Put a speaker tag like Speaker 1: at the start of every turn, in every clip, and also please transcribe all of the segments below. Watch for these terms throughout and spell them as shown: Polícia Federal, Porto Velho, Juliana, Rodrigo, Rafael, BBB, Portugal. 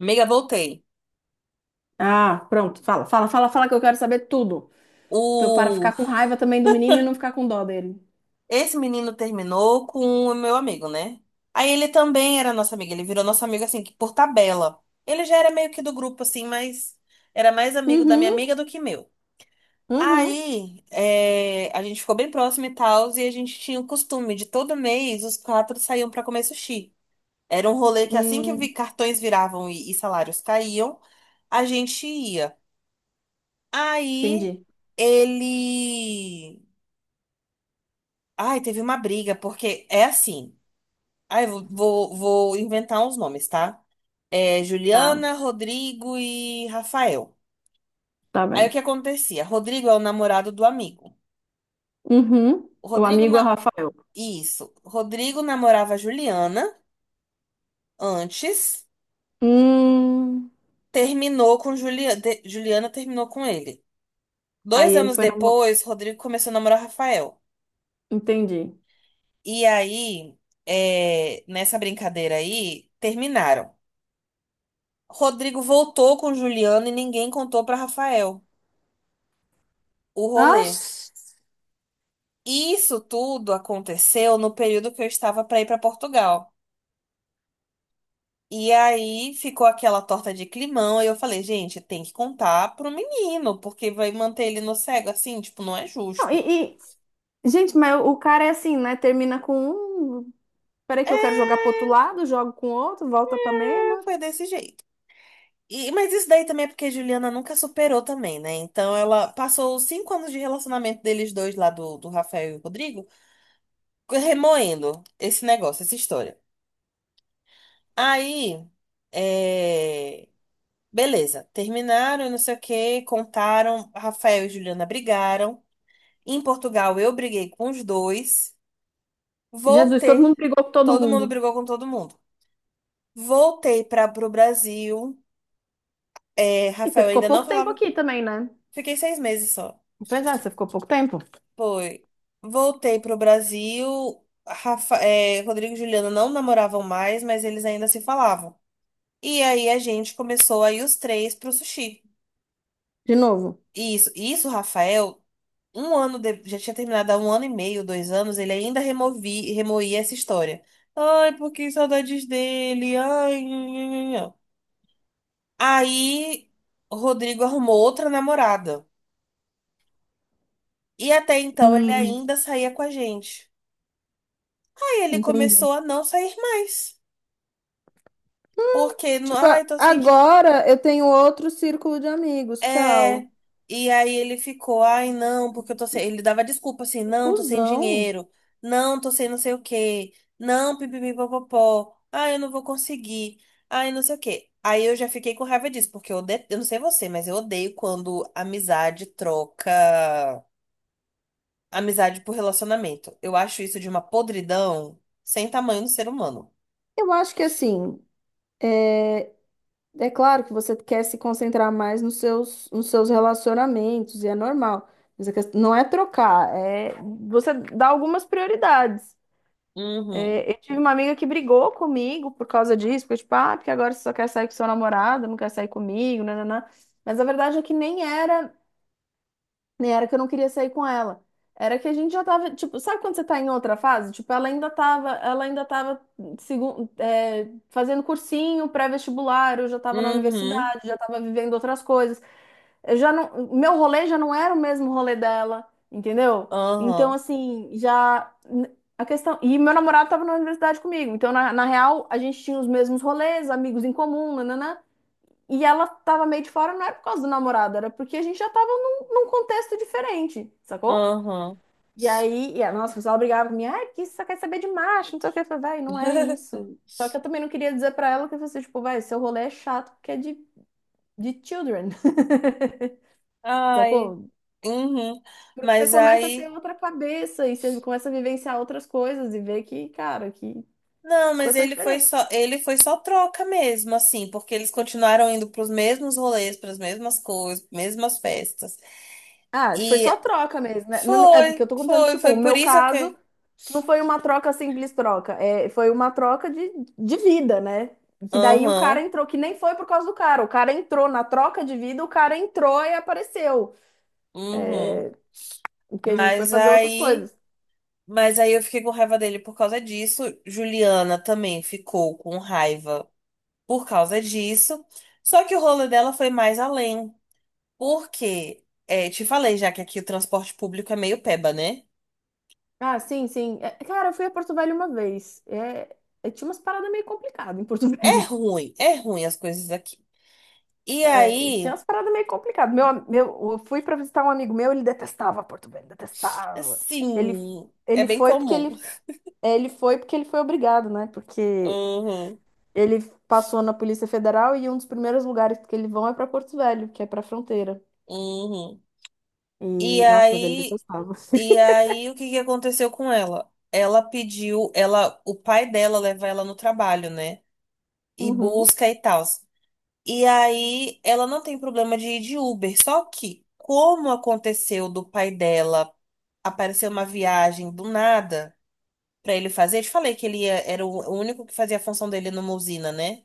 Speaker 1: Amiga, voltei.
Speaker 2: Ah, pronto, fala que eu quero saber tudo. Pra eu para
Speaker 1: O...
Speaker 2: ficar com raiva também do menino e não ficar com dó dele.
Speaker 1: Esse menino terminou com o meu amigo, né? Aí ele também era nosso amigo, ele virou nosso amigo assim, que por tabela. Ele já era meio que do grupo, assim, mas era mais amigo da minha
Speaker 2: Uhum,
Speaker 1: amiga do que meu.
Speaker 2: uhum.
Speaker 1: Aí a gente ficou bem próximo e tal, e a gente tinha o costume de todo mês os quatro saíam pra comer sushi. Era um rolê que assim que
Speaker 2: Hum,
Speaker 1: cartões viravam e salários caíam, a gente ia. Aí
Speaker 2: entendi.
Speaker 1: ele. Ai, teve uma briga, porque é assim. Ai, vou inventar uns nomes, tá? É
Speaker 2: Tá,
Speaker 1: Juliana, Rodrigo e Rafael.
Speaker 2: tá
Speaker 1: Aí o
Speaker 2: bem.
Speaker 1: que acontecia? Rodrigo é o namorado do amigo.
Speaker 2: Uhum.
Speaker 1: O
Speaker 2: O
Speaker 1: Rodrigo
Speaker 2: amigo é o
Speaker 1: na...
Speaker 2: Rafael.
Speaker 1: Isso. Rodrigo namorava a Juliana antes,
Speaker 2: Hum.
Speaker 1: terminou com Juliana. Juliana terminou com ele.
Speaker 2: Aí
Speaker 1: Dois
Speaker 2: ele
Speaker 1: anos
Speaker 2: foi namo...
Speaker 1: depois, Rodrigo começou a namorar Rafael.
Speaker 2: Entendi.
Speaker 1: E aí, nessa brincadeira aí, terminaram. Rodrigo voltou com Juliana e ninguém contou para Rafael o
Speaker 2: Ah,
Speaker 1: rolê. Isso tudo aconteceu no período que eu estava para ir para Portugal. E aí ficou aquela torta de climão e eu falei, gente, tem que contar pro menino, porque vai manter ele no cego assim, tipo, não é
Speaker 2: não,
Speaker 1: justo.
Speaker 2: e- Gente, mas o cara é assim, né? Termina com um. Peraí que eu quero jogar pro
Speaker 1: É,
Speaker 2: outro lado, jogo com outro, volta pra mesma.
Speaker 1: foi desse jeito. E, mas isso daí também é porque a Juliana nunca superou também, né? Então ela passou os 5 anos de relacionamento deles dois lá, do Rafael e o Rodrigo, remoendo esse negócio, essa história. Aí, é, beleza, terminaram, e não sei o que, contaram, Rafael e Juliana brigaram. Em Portugal, eu briguei com os dois.
Speaker 2: Jesus, todo
Speaker 1: Voltei,
Speaker 2: mundo brigou com todo
Speaker 1: todo mundo
Speaker 2: mundo.
Speaker 1: brigou com todo mundo. Voltei para pro Brasil, é,
Speaker 2: E você
Speaker 1: Rafael
Speaker 2: ficou
Speaker 1: ainda não
Speaker 2: pouco tempo
Speaker 1: falava,
Speaker 2: aqui também, né?
Speaker 1: fiquei 6 meses só.
Speaker 2: Pois é, você ficou pouco tempo.
Speaker 1: Foi, voltei pro Brasil, Rodrigo e Juliana não namoravam mais, mas eles ainda se falavam. E aí a gente começou a ir os três pro sushi.
Speaker 2: De novo.
Speaker 1: Isso, Rafael, já tinha terminado há um ano e meio, 2 anos, ele ainda remoía essa história. Ai, porque saudades dele. Ai, nhanhanhanhan. Aí, o Rodrigo arrumou outra namorada. E até então ele
Speaker 2: Hum,
Speaker 1: ainda saía com a gente. Aí ele
Speaker 2: entendi.
Speaker 1: começou a não sair mais. Porque,
Speaker 2: Tipo,
Speaker 1: ai, tô sem.
Speaker 2: agora eu tenho outro círculo de amigos.
Speaker 1: É,
Speaker 2: Tchau.
Speaker 1: e aí ele ficou, ai não, porque eu tô
Speaker 2: Que
Speaker 1: sem. Ele dava desculpa assim,
Speaker 2: que
Speaker 1: não, tô sem
Speaker 2: cuzão.
Speaker 1: dinheiro, não, tô sem não sei o quê, não, pipipipopopó, ai eu não vou conseguir, ai não sei o quê. Aí eu já fiquei com raiva disso, porque eu, odeio, eu não sei você, mas eu odeio quando amizade troca amizade por relacionamento. Eu acho isso de uma podridão sem tamanho no ser humano.
Speaker 2: Eu acho que assim, é, é claro que você quer se concentrar mais nos seus relacionamentos, e é normal. Mas a questão não é trocar, é você dá algumas prioridades.
Speaker 1: Uhum,
Speaker 2: É, eu tive uma amiga que brigou comigo por causa disso, porque tipo, ah, porque agora você só quer sair com seu namorado, não quer sair comigo, nananã. Mas a verdade é que nem era. Nem era que eu não queria sair com ela. Era que a gente já tava, tipo, sabe quando você tá em outra fase? Tipo, ela ainda tava fazendo cursinho pré-vestibular, eu já tava na
Speaker 1: uhum,
Speaker 2: universidade, já tava vivendo outras coisas. Eu já não, meu rolê já não era o mesmo rolê dela, entendeu? Então,
Speaker 1: aham,
Speaker 2: assim, já a questão, e meu namorado tava na universidade comigo. Então, na real, a gente tinha os mesmos rolês, amigos em comum, nananã. E ela tava meio de fora, não era por causa do namorado, era porque a gente já tava num contexto diferente, sacou?
Speaker 1: aham.
Speaker 2: E aí, e a nossa, o pessoal brigava comigo, ah, que isso só quer saber de macho, não sei o que. Eu falei, vai, não é isso. Só que eu também não queria dizer pra ela que você, tipo, vai, seu rolê é chato porque é de children,
Speaker 1: Ai.
Speaker 2: sacou?
Speaker 1: Uhum.
Speaker 2: Porque você
Speaker 1: Mas
Speaker 2: começa a
Speaker 1: aí,
Speaker 2: ter outra cabeça e você começa a vivenciar outras coisas e ver que, cara, que
Speaker 1: não,
Speaker 2: as
Speaker 1: mas
Speaker 2: coisas são
Speaker 1: ele foi
Speaker 2: diferentes.
Speaker 1: só, ele foi só troca mesmo, assim, porque eles continuaram indo pros mesmos rolês, pras mesmas coisas, mesmas festas.
Speaker 2: Ah, foi
Speaker 1: E
Speaker 2: só troca mesmo, né? É porque eu
Speaker 1: foi,
Speaker 2: tô contando,
Speaker 1: foi,
Speaker 2: tipo,
Speaker 1: foi
Speaker 2: o
Speaker 1: por
Speaker 2: meu
Speaker 1: isso
Speaker 2: caso.
Speaker 1: que.
Speaker 2: Não foi uma troca simples troca, é, foi uma troca de vida, né? Que daí o cara
Speaker 1: Aham,
Speaker 2: entrou, que nem foi por causa do cara. O cara entrou na troca de vida, o cara entrou e apareceu.
Speaker 1: uhum.
Speaker 2: O que a gente foi
Speaker 1: Mas
Speaker 2: fazer outras
Speaker 1: aí,
Speaker 2: coisas.
Speaker 1: mas aí eu fiquei com raiva dele por causa disso. Juliana também ficou com raiva por causa disso. Só que o rolê dela foi mais além. Porque, te falei já que aqui o transporte público é meio peba, né?
Speaker 2: Ah, sim, sim. É, cara, eu fui a Porto Velho uma vez. Tinha umas paradas meio complicadas em Porto Velho.
Speaker 1: É ruim as coisas aqui. E
Speaker 2: É,
Speaker 1: aí,
Speaker 2: tinha umas paradas meio complicadas. Eu fui pra visitar um amigo meu, ele detestava Porto Velho, detestava. Ele,
Speaker 1: assim, é
Speaker 2: ele
Speaker 1: bem
Speaker 2: foi porque
Speaker 1: comum.
Speaker 2: ele, ele foi porque ele foi obrigado, né? Porque
Speaker 1: Uhum,
Speaker 2: ele passou na Polícia Federal e um dos primeiros lugares que ele vão é pra Porto Velho, que é pra fronteira.
Speaker 1: uhum. E
Speaker 2: E nossa, mas ele
Speaker 1: aí,
Speaker 2: detestava.
Speaker 1: e aí, o que que aconteceu com ela? Ela pediu, ela, o pai dela leva ela no trabalho, né? E
Speaker 2: Uhum.
Speaker 1: busca e tal. E aí, ela não tem problema de ir de Uber. Só que, como aconteceu do pai dela, apareceu uma viagem do nada pra ele fazer. Eu te falei que ele era o único que fazia a função dele numa usina, né?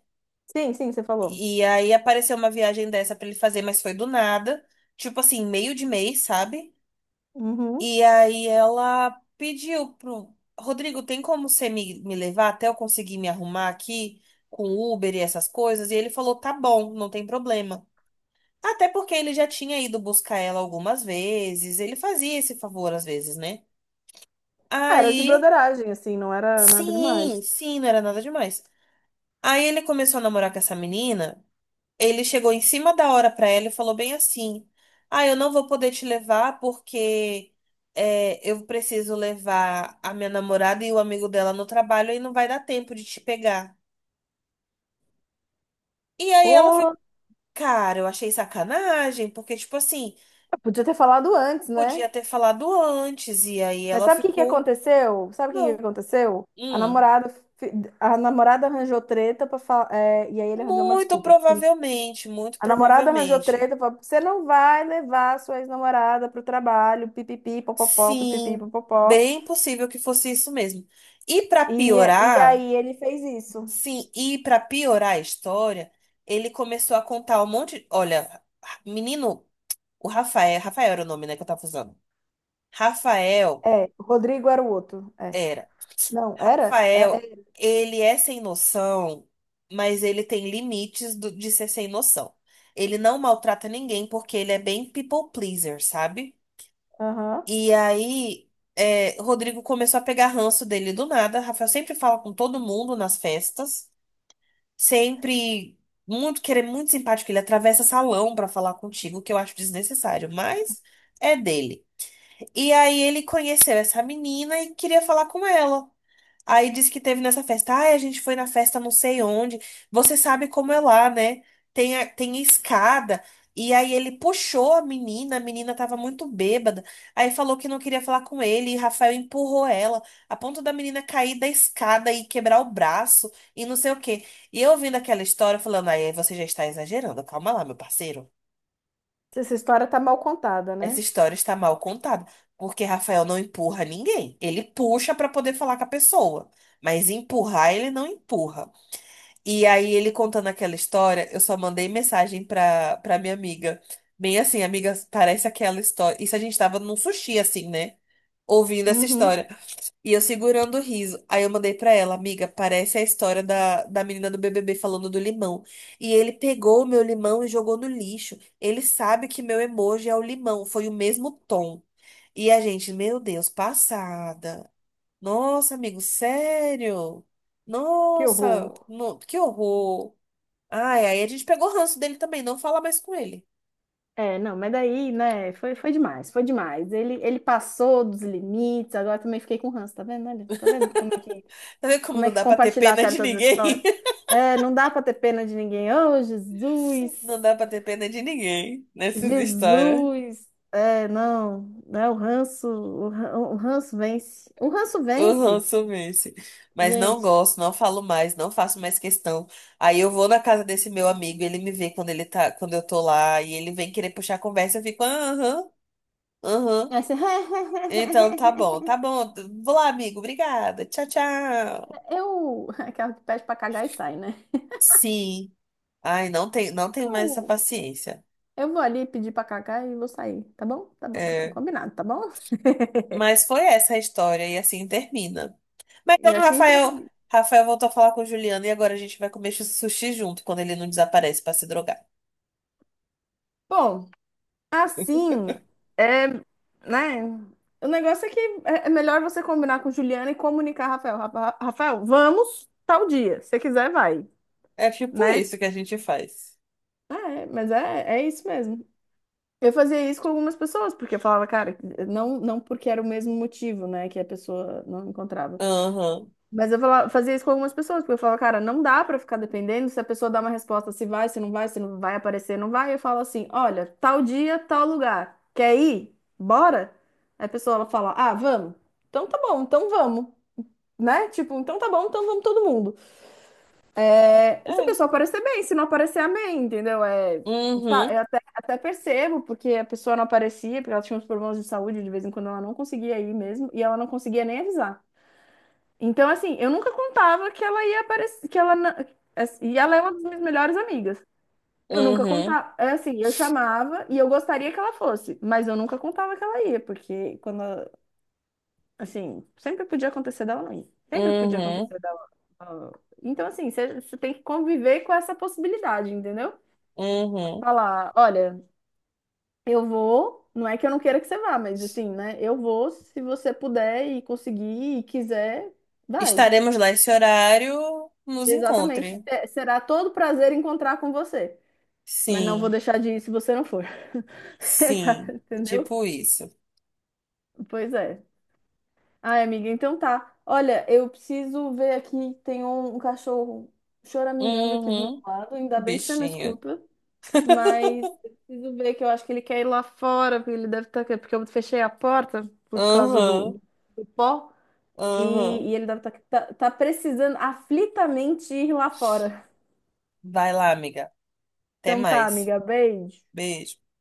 Speaker 2: Sim, sim, você falou.
Speaker 1: E aí apareceu uma viagem dessa pra ele fazer, mas foi do nada. Tipo assim, meio de mês, sabe?
Speaker 2: Uhum.
Speaker 1: E aí ela pediu pro Rodrigo, tem como você me levar até eu conseguir me arrumar aqui com Uber e essas coisas? E ele falou, tá bom, não tem problema. Até porque ele já tinha ido buscar ela algumas vezes, ele fazia esse favor às vezes, né?
Speaker 2: Era de
Speaker 1: Aí,
Speaker 2: broderagem, assim, não era nada
Speaker 1: sim,
Speaker 2: demais.
Speaker 1: sim, não era nada demais. Aí ele começou a namorar com essa menina. Ele chegou em cima da hora pra ela e falou bem assim: Ah, eu não vou poder te levar porque eu preciso levar a minha namorada e o amigo dela no trabalho e não vai dar tempo de te pegar. E aí ela
Speaker 2: Pô,
Speaker 1: ficou, cara, eu achei sacanagem, porque, tipo assim,
Speaker 2: podia ter falado antes, né?
Speaker 1: podia ter falado antes. E aí
Speaker 2: Mas
Speaker 1: ela
Speaker 2: sabe o que que
Speaker 1: ficou,
Speaker 2: aconteceu?
Speaker 1: "Tá
Speaker 2: Sabe o que que
Speaker 1: bom."
Speaker 2: aconteceu?
Speaker 1: Hum,
Speaker 2: Fi- a namorada arranjou treta para falar, e aí ele arranjou uma
Speaker 1: muito
Speaker 2: desculpa.
Speaker 1: provavelmente, muito
Speaker 2: A namorada arranjou
Speaker 1: provavelmente.
Speaker 2: treta, falou, você não vai levar a sua ex-namorada pro trabalho, pipipi, popopó, pipipi,
Speaker 1: Sim,
Speaker 2: popopó.
Speaker 1: bem possível que fosse isso mesmo. E pra
Speaker 2: E, e
Speaker 1: piorar.
Speaker 2: aí ele fez isso.
Speaker 1: Sim, e pra piorar a história, ele começou a contar um monte. Olha, menino, o Rafael, Rafael era o nome, né, que eu tava usando. Rafael
Speaker 2: É, o Rodrigo era o outro. É.
Speaker 1: era.
Speaker 2: Não, era? É,
Speaker 1: Rafael,
Speaker 2: é.
Speaker 1: ele é sem noção, mas ele tem limites de ser sem noção. Ele não maltrata ninguém porque ele é bem people pleaser, sabe?
Speaker 2: Aham.
Speaker 1: E aí, Rodrigo começou a pegar ranço dele do nada. Rafael sempre fala com todo mundo nas festas. Sempre muito querer muito simpático, ele atravessa salão pra falar contigo, que eu acho desnecessário, mas é dele. E aí ele conheceu essa menina e queria falar com ela. Aí disse que teve nessa festa. Ah, a gente foi na festa não sei onde. Você sabe como é lá, né? Tem, tem escada. E aí ele puxou a menina tava muito bêbada. Aí falou que não queria falar com ele, e Rafael empurrou ela, a ponto da menina cair da escada e quebrar o braço e não sei o quê. E eu ouvindo aquela história, falando, aí você já está exagerando, calma lá, meu parceiro.
Speaker 2: Essa história tá mal contada,
Speaker 1: Essa
Speaker 2: né?
Speaker 1: história está mal contada, porque Rafael não empurra ninguém. Ele puxa para poder falar com a pessoa, mas empurrar ele não empurra. E aí ele contando aquela história, eu só mandei mensagem para minha amiga. Bem assim, amiga, parece aquela história. Isso a gente tava num sushi assim, né? Ouvindo essa
Speaker 2: Uhum.
Speaker 1: história. E eu segurando o riso. Aí eu mandei pra ela, amiga, parece a história da menina do BBB falando do limão. E ele pegou o meu limão e jogou no lixo. Ele sabe que meu emoji é o limão, foi o mesmo tom. E a gente, meu Deus, passada. Nossa, amigo, sério?
Speaker 2: Que
Speaker 1: Nossa,
Speaker 2: horror.
Speaker 1: que horror. Ai, aí a gente pegou ranço dele também, não fala mais com ele.
Speaker 2: É, não, mas daí, né, foi, foi demais, foi demais. Ele passou dos limites, agora também fiquei com ranço, tá vendo? Olha, tá vendo
Speaker 1: Tá vendo como
Speaker 2: como é
Speaker 1: não
Speaker 2: que
Speaker 1: dá pra ter
Speaker 2: compartilhar
Speaker 1: pena de
Speaker 2: certas histórias?
Speaker 1: ninguém?
Speaker 2: É, não dá pra ter pena de ninguém. Oh, Jesus!
Speaker 1: Não dá pra ter pena de ninguém nessas histórias.
Speaker 2: Jesus! É, não, né? O ranço vence. O ranço
Speaker 1: Aham,
Speaker 2: vence,
Speaker 1: sumisse. Mas não
Speaker 2: gente.
Speaker 1: gosto, não falo mais, não faço mais questão. Aí eu vou na casa desse meu amigo, ele me vê quando ele tá, quando eu tô lá, e ele vem querer puxar a conversa, eu fico, aham, aham.
Speaker 2: É assim,
Speaker 1: Então tá bom, tá bom. Vou lá, amigo, obrigada. Tchau, tchau.
Speaker 2: eu, aquela que pede pra cagar e sai, né?
Speaker 1: Sim. Ai, não tem, não tenho mais essa
Speaker 2: Eu,
Speaker 1: paciência.
Speaker 2: eu vou ali pedir pra cagar e vou sair, tá bom? Tá bom, então
Speaker 1: É.
Speaker 2: combinado, tá bom?
Speaker 1: Mas foi essa a história, e assim termina. Mas
Speaker 2: E
Speaker 1: então,
Speaker 2: assim
Speaker 1: Rafael,
Speaker 2: termina.
Speaker 1: Rafael voltou a falar com o Juliano, e agora a gente vai comer sushi junto quando ele não desaparece pra se drogar.
Speaker 2: Bom, assim, é, né? O negócio é que é melhor você combinar com Juliana e comunicar, Rafael. Rafael, vamos tal dia. Se você quiser, vai,
Speaker 1: É tipo
Speaker 2: né?
Speaker 1: isso que a gente faz.
Speaker 2: Ah, é, mas é, é isso mesmo. Eu fazia isso com algumas pessoas, porque eu falava, cara, não porque era o mesmo motivo, né, que a pessoa não encontrava.
Speaker 1: Aham.
Speaker 2: Mas eu falava, fazia isso com algumas pessoas, porque eu falava, cara, não dá pra ficar dependendo se a pessoa dá uma resposta, se vai, se não vai, se não vai aparecer, não vai. Eu falo assim, olha, tal dia, tal lugar, quer ir? Bora? Aí a pessoa ela fala, ah, vamos. Então tá bom, então vamos, né? Tipo, então tá bom, então vamos todo mundo. Se a
Speaker 1: É.
Speaker 2: pessoa aparecer bem, se não aparecer, amém, entendeu? É, tá,
Speaker 1: Uhum.
Speaker 2: até percebo, porque a pessoa não aparecia, porque ela tinha uns problemas de saúde, de vez em quando ela não conseguia ir mesmo, e ela não conseguia nem avisar. Então, assim, eu nunca contava que ela ia aparecer, assim, e ela é uma das minhas melhores amigas. Eu nunca
Speaker 1: Uhum.
Speaker 2: contava, é assim, eu chamava e eu gostaria que ela fosse, mas eu nunca contava que ela ia, porque quando, assim, sempre podia acontecer dela não ir. Sempre podia
Speaker 1: Uhum.
Speaker 2: acontecer dela. ah, Então, assim, você tem que conviver com essa possibilidade, entendeu?
Speaker 1: Uhum.
Speaker 2: Falar, olha, eu vou, não é que eu não queira que você vá, mas assim, né? Eu vou, se você puder e conseguir e quiser, vai.
Speaker 1: Estaremos lá esse horário, nos
Speaker 2: Exatamente.
Speaker 1: encontre.
Speaker 2: Será todo prazer encontrar com você. Mas não vou
Speaker 1: Sim.
Speaker 2: deixar de ir se você não for. Exato,
Speaker 1: Sim.
Speaker 2: entendeu?
Speaker 1: Tipo isso.
Speaker 2: Pois é. Ai, amiga, então tá. Olha, eu preciso ver aqui, tem um cachorro choramingando aqui do meu
Speaker 1: Uhum.
Speaker 2: lado. Ainda bem que você não
Speaker 1: Bichinho.
Speaker 2: escuta. Mas eu preciso ver que eu acho que ele quer ir lá fora, porque ele deve estar. Porque eu fechei a porta por causa
Speaker 1: Aham.
Speaker 2: do, do pó.
Speaker 1: Aham.
Speaker 2: E, e ele deve estar tá precisando aflitamente ir lá fora.
Speaker 1: Vai lá, amiga. Até
Speaker 2: Então tá,
Speaker 1: mais.
Speaker 2: amiga, beijo.
Speaker 1: Beijo.